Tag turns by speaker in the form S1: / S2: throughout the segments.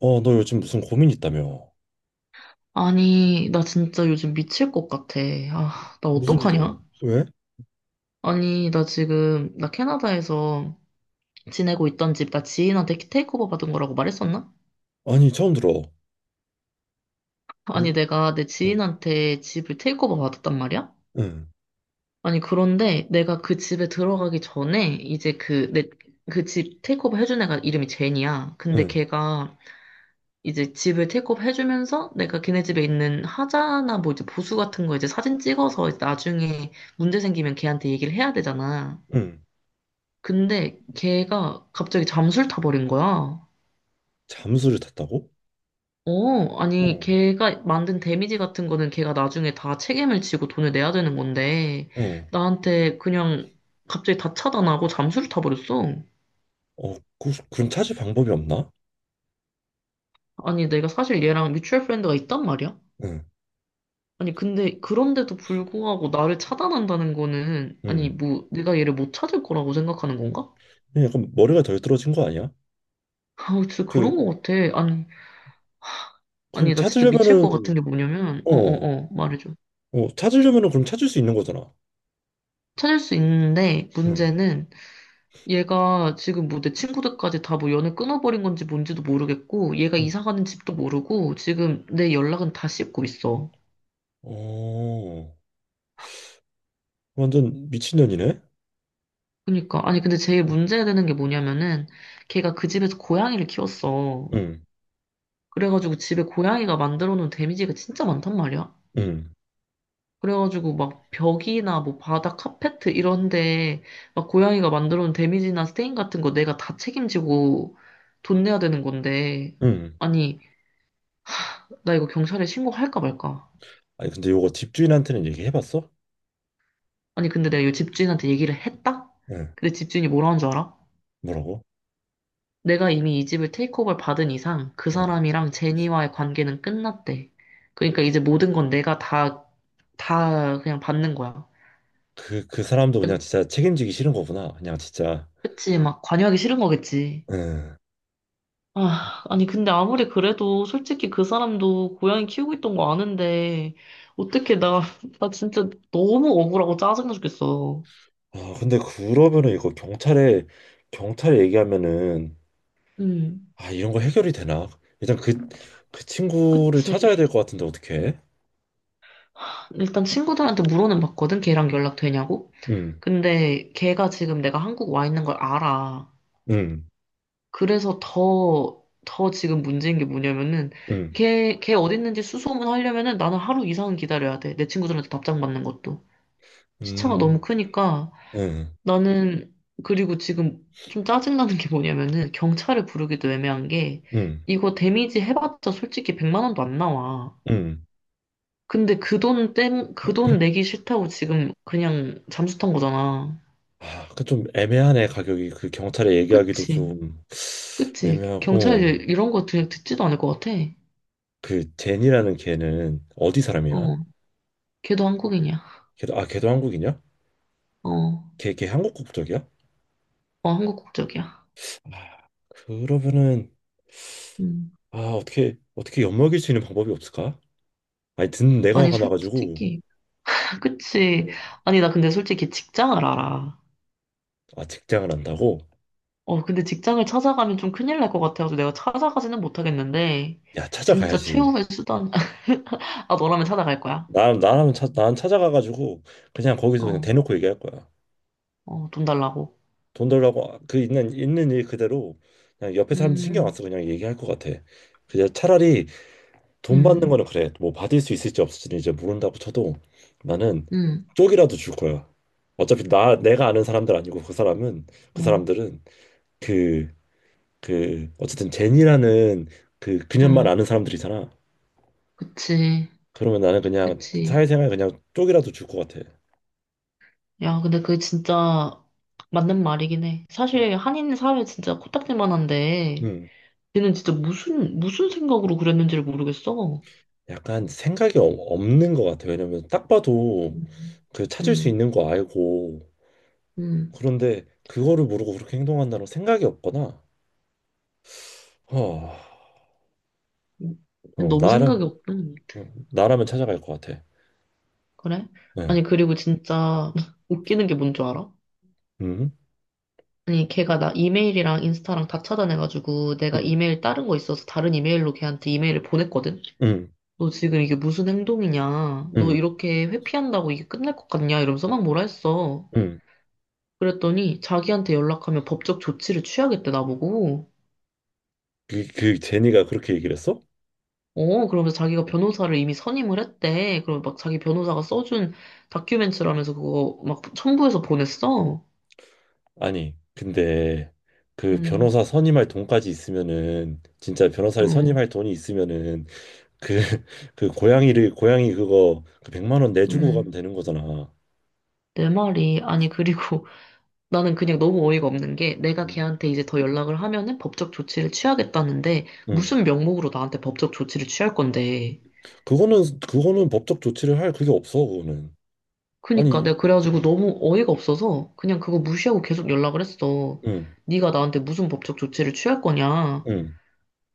S1: 어, 너 요즘 무슨 고민 있다며?
S2: 아니, 나 진짜 요즘 미칠 것 같아. 아, 나
S1: 무슨 일이야?
S2: 어떡하냐?
S1: 왜?
S2: 아니, 나 캐나다에서 지내고 있던 집, 나 지인한테 테이크오버 받은 거라고 말했었나?
S1: 아니, 처음 들어.
S2: 아니,
S1: 우-
S2: 내가 내
S1: 응,
S2: 지인한테 집을 테이크오버 받았단 말이야?
S1: 응,
S2: 아니, 그런데 내가 그 집에 들어가기 전에, 그 집 테이크오버 해준 애가 이름이 제니야. 근데
S1: 응,
S2: 걔가 이제 집을 테이크업 해주면서 내가 걔네 집에 있는 하자나 뭐 이제 보수 같은 거 이제 사진 찍어서 이제 나중에 문제 생기면 걔한테 얘기를 해야 되잖아.
S1: 응.
S2: 근데 걔가 갑자기 잠수를 타버린 거야.
S1: 잠수를 탔다고?
S2: 어, 아니,
S1: 응,
S2: 걔가 만든 데미지 같은 거는 걔가 나중에 다 책임을 지고 돈을 내야 되는 건데,
S1: 응.
S2: 나한테 그냥 갑자기 다 차단하고 잠수를 타버렸어.
S1: 어, 그럼 찾을 방법이 없나?
S2: 아니, 내가 사실 얘랑 뮤추얼 프렌드가 있단 말이야?
S1: 응,
S2: 아니, 근데 그런데도 불구하고 나를 차단한다는 거는, 아니,
S1: 응.
S2: 뭐, 내가 얘를 못 찾을 거라고 생각하는 건가?
S1: 그냥 약간 머리가 덜 떨어진 거 아니야?
S2: 아, 진짜
S1: 그,
S2: 그런 거 같아. 아니,
S1: 그럼
S2: 아니, 나 진짜 미칠 것
S1: 찾으려면은,
S2: 같은 게 뭐냐면,
S1: 어,
S2: 말해줘.
S1: 찾으려면은 그럼 찾을 수 있는 거잖아.
S2: 찾을 수 있는데,
S1: 응,
S2: 문제는 얘가 지금 뭐 내 친구들까지 다 뭐 연을 끊어버린 건지 뭔지도 모르겠고, 얘가
S1: 응.
S2: 이사 가는 집도 모르고, 지금 내 연락은 다 씹고 있어.
S1: 어, 완전 미친년이네?
S2: 그러니까, 아니, 근데 제일 문제되는 게 뭐냐면은, 걔가 그 집에서 고양이를 키웠어.
S1: 응,
S2: 그래가지고 집에 고양이가 만들어 놓은 데미지가 진짜 많단 말이야.
S1: 응,
S2: 그래가지고 막 벽이나 뭐 바닥, 카페트 이런데 막 고양이가 만들어 놓은 데미지나 스테인 같은 거 내가 다 책임지고 돈 내야 되는 건데.
S1: 응.
S2: 아니, 나 이거 경찰에 신고할까 말까?
S1: 아니, 근데 요거 집주인한테는 얘기해봤어?
S2: 아니, 근데 내가 이 집주인한테 얘기를 했다?
S1: 응,
S2: 근데 집주인이 뭐라는 줄 알아?
S1: 뭐라고?
S2: 내가 이미 이 집을 테이크오버를 받은 이상 그
S1: 응.
S2: 사람이랑 제니와의 관계는 끝났대. 그러니까 이제 모든 건 내가 다, 다 그냥 받는 거야.
S1: 그 사람도 그냥 진짜 책임지기 싫은 거구나. 그냥 진짜.
S2: 그치, 막 관여하기 싫은 거겠지.
S1: 응.
S2: 아, 아니, 근데 아무리 그래도 솔직히 그 사람도 고양이 키우고 있던 거 아는데, 어떻게 나, 나 진짜 너무 억울하고 짜증나 죽겠어.
S1: 아, 근데 그러면은 경찰에 얘기하면은,
S2: 음.
S1: 아, 이런 거 해결이 되나? 일단 그, 그 친구를
S2: 그치.
S1: 찾아야 될 것 같은데, 어떡해?
S2: 일단 친구들한테 물어는 봤거든, 걔랑 연락되냐고?
S1: 응,
S2: 근데 걔가 지금 내가 한국 와 있는 걸 알아.
S1: 응,
S2: 그래서 더 지금 문제인 게 뭐냐면은,
S1: 응,
S2: 걔 어디 있는지 수소문 하려면은 나는 하루 이상은 기다려야 돼. 내 친구들한테 답장 받는 것도. 시차가 너무
S1: 응,
S2: 크니까.
S1: 응,
S2: 나는 그리고 지금 좀 짜증나는 게 뭐냐면은 경찰을 부르기도 애매한 게
S1: 응,
S2: 이거 데미지 해봤자 솔직히 100만 원도 안 나와.
S1: 응.
S2: 근데 그 돈 내기 싫다고 지금 그냥 잠수 탄 거잖아.
S1: 아, 그 좀 애매하네, 가격이. 그 경찰에 얘기하기도
S2: 그치?
S1: 좀
S2: 그치? 경찰
S1: 애매하고. 어.
S2: 이런 거 그냥 듣지도 않을 것 같아.
S1: 그, 제니라는 걔는 어디 사람이야?
S2: 어, 걔도 한국인이야.
S1: 걔도, 아, 걔도 한국이냐?
S2: 어, 어,
S1: 걔 한국 국적이야?
S2: 한국 국적이야.
S1: 아, 그러면은
S2: 음.
S1: 아 어떻게 어떻게 엿먹일 수 있는 방법이 없을까? 아니, 듣는 내가
S2: 아니,
S1: 화가 나가지고.
S2: 솔직히. 그치?
S1: 음.
S2: 아니, 나 근데 솔직히 직장을 알아.
S1: 아, 직장을 한다고?
S2: 어, 근데 직장을 찾아가면 좀 큰일 날 것 같아서 내가 찾아가지는 못하겠는데,
S1: 야,
S2: 진짜
S1: 찾아가야지.
S2: 최후의 수단, 아, 너라면 찾아갈 거야.
S1: 난 찾아가가지고 그냥 거기서 그냥
S2: 어,
S1: 대놓고 얘기할 거야.
S2: 어, 돈 달라고.
S1: 돈 달라고. 그 있는 일 그대로 그냥 옆에 사람들 신경 안
S2: 음,
S1: 쓰고 그냥 얘기할 것 같아. 그냥 차라리 돈 받는
S2: 음,
S1: 거는 그래, 뭐 받을 수 있을지 없을지는 이제 모른다고 쳐도, 나는
S2: 음,
S1: 쪽이라도 줄 거야. 어차피 나 내가 아는 사람들 아니고 그 사람은 그
S2: 어,
S1: 사람들은 그 어쨌든 제니라는 그 그녀만
S2: 음,
S1: 아는 사람들이잖아.
S2: 그치,
S1: 그러면 나는 그냥
S2: 그치.
S1: 사회생활 그냥 쪽이라도 줄 것 같아.
S2: 야, 근데 그게 진짜 맞는 말이긴 해. 사실 한인 사회 진짜 코딱지만한데,
S1: 음,
S2: 걔는 진짜 무슨 생각으로 그랬는지를 모르겠어.
S1: 약간 생각이 없는 것 같아. 왜냐면 딱 봐도
S2: 음,
S1: 그 찾을 수
S2: 음,
S1: 있는 거 알고,
S2: 음.
S1: 그런데 그거를 모르고 그렇게 행동한다는, 생각이 없거나. 어, 어,
S2: 너무
S1: 나라
S2: 생각이 없다.
S1: 어, 나라면 찾아갈 것 같아.
S2: 그래?
S1: 네.
S2: 아니, 그리고 진짜 웃기는 게 뭔 줄 알아?
S1: 음,
S2: 아니, 걔가 나 이메일이랑 인스타랑 다 차단해가지고 내가
S1: 음,
S2: 이메일 다른 거 있어서 다른 이메일로 걔한테 이메일을 보냈거든?
S1: 음,
S2: 너 지금 이게 무슨 행동이냐? 너
S1: 음,
S2: 이렇게 회피한다고 이게 끝날 것 같냐? 이러면서 막 뭐라 했어.
S1: 음.
S2: 그랬더니 자기한테 연락하면 법적 조치를 취하겠대, 나보고.
S1: 그 제니가 그렇게 얘기를 했어?
S2: 어, 그러면서 자기가 변호사를 이미 선임을 했대. 그럼 막 자기 변호사가 써준 다큐멘터라면서 그거 막 첨부해서 보냈어.
S1: 아니, 근데 그
S2: 응,
S1: 변호사 선임할 돈까지 있으면은 진짜 변호사를
S2: 응,
S1: 선임할 돈이 있으면은 그 그 고양이를 고양이 그거 그 100만 원 내주고 가면
S2: 응.
S1: 되는 거잖아.
S2: 내 말이, 아니, 그리고 나는 그냥 너무 어이가 없는 게 내가
S1: 음.
S2: 걔한테 이제 더 연락을 하면은 법적 조치를 취하겠다는데
S1: 응.
S2: 무슨 명목으로 나한테 법적 조치를 취할 건데.
S1: 그거는 법적 조치를 할 그게 없어, 그거는.
S2: 그니까
S1: 아니,
S2: 내가 그래가지고
S1: 음.
S2: 너무 어이가 없어서 그냥 그거 무시하고 계속 연락을 했어.
S1: 응,
S2: 네가 나한테 무슨 법적 조치를 취할 거냐.
S1: 응,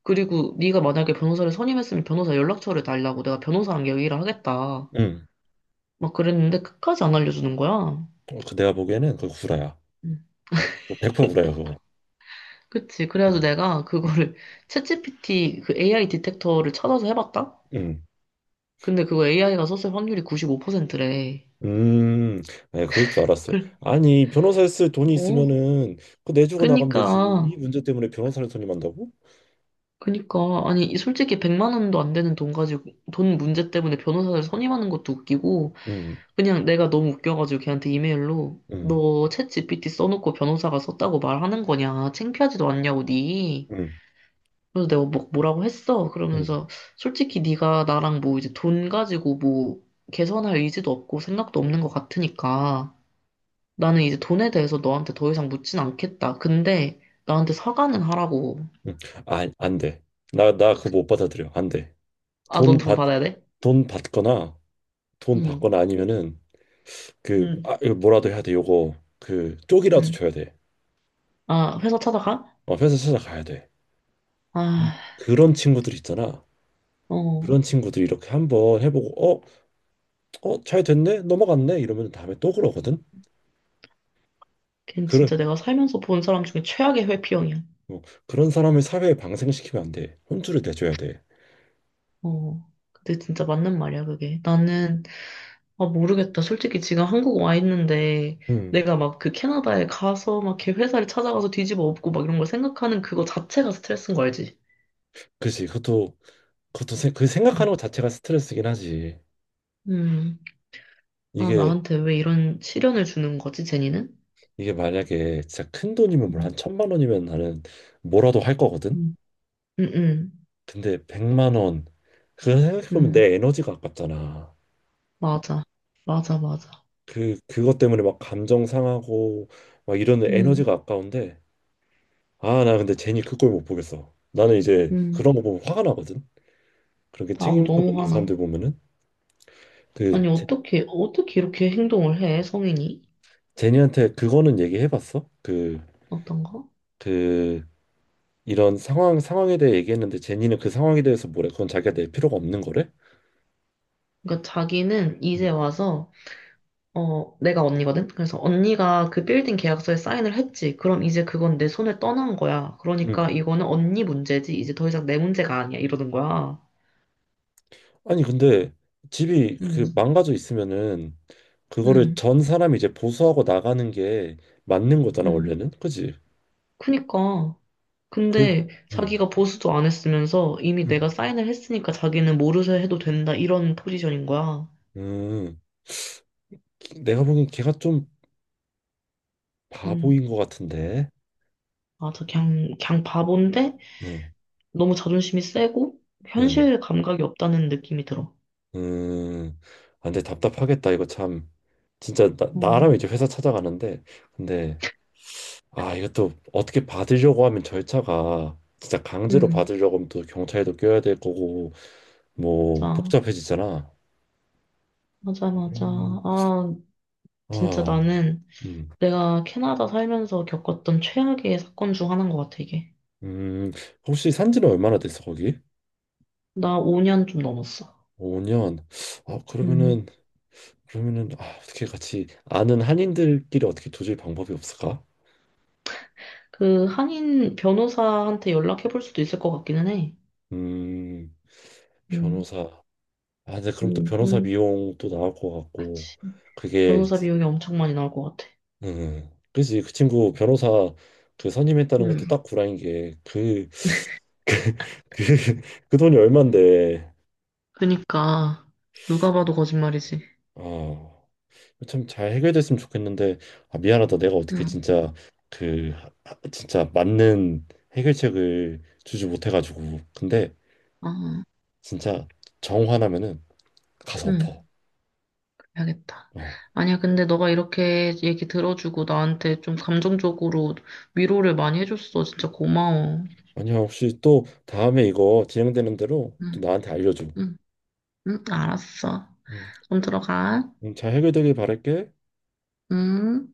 S2: 그리고 네가 만약에 변호사를 선임했으면 변호사 연락처를 달라고 내가 변호사랑 얘기를 하겠다.
S1: 응.
S2: 막 그랬는데 끝까지 안 알려주는 거야.
S1: 어, 그 내가 보기에는 그 구라야.
S2: 음.
S1: 100% 구라야, 그거.
S2: 그치. 그래가지고 내가 그거를 챗GPT 그 AI 디텍터를 찾아서 해봤다?
S1: 응.
S2: 근데 그거 AI가 썼을 확률이 95%래.
S1: 음, 에 그럴 줄 알았어.
S2: 그,
S1: 아니, 변호사 에 쓸 돈이
S2: 어.
S1: 있으면은 그거 내주고 나가면 되지.
S2: 그니까,
S1: 이 문제 때문에 변호사를 선임한다고?
S2: 그니까. 아니, 이 솔직히 100만 원도 안 되는 돈 가지고, 돈 문제 때문에 변호사를 선임하는 것도 웃기고,
S1: 음,
S2: 그냥 내가 너무 웃겨가지고 걔한테 이메일로,
S1: 음,
S2: 너 챗GPT 써놓고 변호사가 썼다고 말하는 거냐? 창피하지도 않냐고, 니.
S1: 음,
S2: 그래서 내가 뭐라고 했어?
S1: 음,
S2: 그러면서 솔직히 네가 나랑 뭐 이제 돈 가지고 뭐 개선할 의지도 없고 생각도 없는 것 같으니까 나는 이제 돈에 대해서 너한테 더 이상 묻진 않겠다. 근데 나한테 사과는 하라고.
S1: 음. 아, 안 돼. 나 그거 못 받아들여. 안 돼.
S2: 아, 넌
S1: 돈
S2: 돈
S1: 받,
S2: 받아야 돼?
S1: 돈 받거나 돈
S2: 응,
S1: 받거나 아니면은,
S2: 응,
S1: 아, 이거 뭐라도 해야 돼. 요거 그 쪽이라도
S2: 응.
S1: 줘야 돼.
S2: 아, 회사 찾아가?
S1: 어, 회사 찾아가야 돼. 이,
S2: 아,
S1: 그런 친구들 있잖아.
S2: 어.
S1: 그런 친구들 이렇게 한번 해보고 잘 됐네, 넘어갔네 이러면 다음에 또 그러거든.
S2: 걘 진짜 내가 살면서 본 사람 중에 최악의 회피형이야.
S1: 어, 그런 사람을 사회에 방생시키면 안 돼. 혼쭐을 내줘야 돼.
S2: 어. 근데 진짜 맞는 말이야, 그게. 나는 아, 모르겠다. 솔직히 지금 한국 와 있는데,
S1: 응.
S2: 내가 막 그 캐나다에 가서 막 걔 회사를 찾아가서 뒤집어 엎고 막 이런 걸 생각하는 그거 자체가 스트레스인 거 알지?
S1: 그치. 그
S2: 음.
S1: 생각하는 것 자체가 스트레스긴 하지.
S2: 음. 아,
S1: 이게,
S2: 나한테 왜 이런 시련을 주는 거지, 제니는?
S1: 이게 만약에 진짜 큰 돈이면, 뭘
S2: 음.
S1: 한 천만 원이면 나는 뭐라도 할 거거든?
S2: 음. 음. 음.
S1: 근데 100만 원, 그거 생각해보면
S2: 음.
S1: 내 에너지가 아깝잖아.
S2: 맞아. 맞아, 맞아.
S1: 그것 때문에 막 감정 상하고 막 이러는 에너지가
S2: 음.
S1: 아까운데, 아, 나 근데 제니 그 꼴 못 보겠어. 나는 이제
S2: 음.
S1: 그런 거 보면 화가 나거든? 그렇게
S2: 아우,
S1: 책임감
S2: 너무
S1: 없는
S2: 화나.
S1: 사람들 보면은. 그
S2: 아니, 어떻게, 어떻게 이렇게 행동을 해, 성인이?
S1: 제니한테 그거는 얘기해봤어?
S2: 어떤가?
S1: 그, 이런 상황에 대해 얘기했는데 제니는 그 상황에 대해서 뭐래? 그건 자기가 낼 필요가 없는 거래?
S2: 그러니까 자기는 이제
S1: 응.
S2: 와서 어, 내가 언니거든? 그래서 언니가 그 빌딩 계약서에 사인을 했지. 그럼 이제 그건 내 손에 떠난 거야. 그러니까
S1: 응.
S2: 이거는 언니 문제지. 이제 더 이상 내 문제가 아니야. 이러는 거야.
S1: 아니, 근데 집이 그
S2: 음,
S1: 망가져 있으면은 그거를
S2: 음,
S1: 전 사람이 이제 보수하고 나가는 게 맞는 거잖아,
S2: 음.
S1: 원래는. 그지?
S2: 그니까.
S1: 그,
S2: 근데
S1: 응,
S2: 자기가 보수도 안 했으면서 이미
S1: 응,
S2: 내가 사인을 했으니까 자기는 모르쇠 해도 된다. 이런 포지션인 거야.
S1: 응. 내가 보기엔 걔가 좀
S2: 음.
S1: 바보인 것 같은데.
S2: 아, 저 그냥, 그냥 바본데
S1: 응,
S2: 너무 자존심이 세고
S1: 응.
S2: 현실 감각이 없다는 느낌이 들어.
S1: 음, 아, 근데 답답하겠다. 이거 참. 진짜
S2: 어,
S1: 나라면 이제 회사 찾아가는데, 근데 아, 이것도 어떻게 받으려고 하면 절차가, 진짜 강제로
S2: 음.
S1: 받으려고 하면 또 경찰도 껴야 될 거고 뭐
S2: 자.
S1: 복잡해지잖아.
S2: 맞아, 맞아.
S1: 음.
S2: 아, 진짜
S1: 아,
S2: 나는
S1: 음,
S2: 내가 캐나다 살면서 겪었던 최악의 사건 중 하나인 것 같아, 이게.
S1: 음, 혹시 산지는 얼마나 됐어 거기?
S2: 나 5년 좀 넘었어.
S1: 5년. 아,
S2: 음,
S1: 그러면은 그러면은 아, 어떻게 같이 아는 한인들끼리 어떻게 조질 방법이 없을까?
S2: 그 한인 변호사한테 연락해 볼 수도 있을 것 같기는 해.
S1: 음,
S2: 음,
S1: 변호사. 아, 근데 그럼 또 변호사
S2: 그,
S1: 비용 또 나올 것 같고,
S2: 그치.
S1: 그게,
S2: 변호사
S1: 이제-
S2: 비용이 엄청 많이 나올 것 같아.
S1: 그지. 그 친구 변호사 그 선임했다는 것도
S2: 음,
S1: 딱 구라인 게, 그, 그, 그 돈이 얼만데.
S2: 그니까 누가 봐도 거짓말이지.
S1: 아, 참 잘 해결됐으면 좋겠는데, 아, 미안하다. 내가 어떻게
S2: 음,
S1: 진짜 그, 진짜 맞는 해결책을 주지 못해가지고. 근데
S2: 아,
S1: 진짜 정 화나면은 가서
S2: 음,
S1: 엎어.
S2: 그래야겠다.
S1: 어.
S2: 아니야, 근데 너가 이렇게 얘기 들어주고 나한테 좀 감정적으로 위로를 많이 해줬어. 진짜 고마워.
S1: 아니야, 혹시 또 다음에 이거 진행되는 대로 또
S2: 응,
S1: 나한테 알려줘.
S2: 응. 응, 알았어.
S1: 음.
S2: 그럼 들어가.
S1: 잘 해결되길 바랄게.
S2: 응.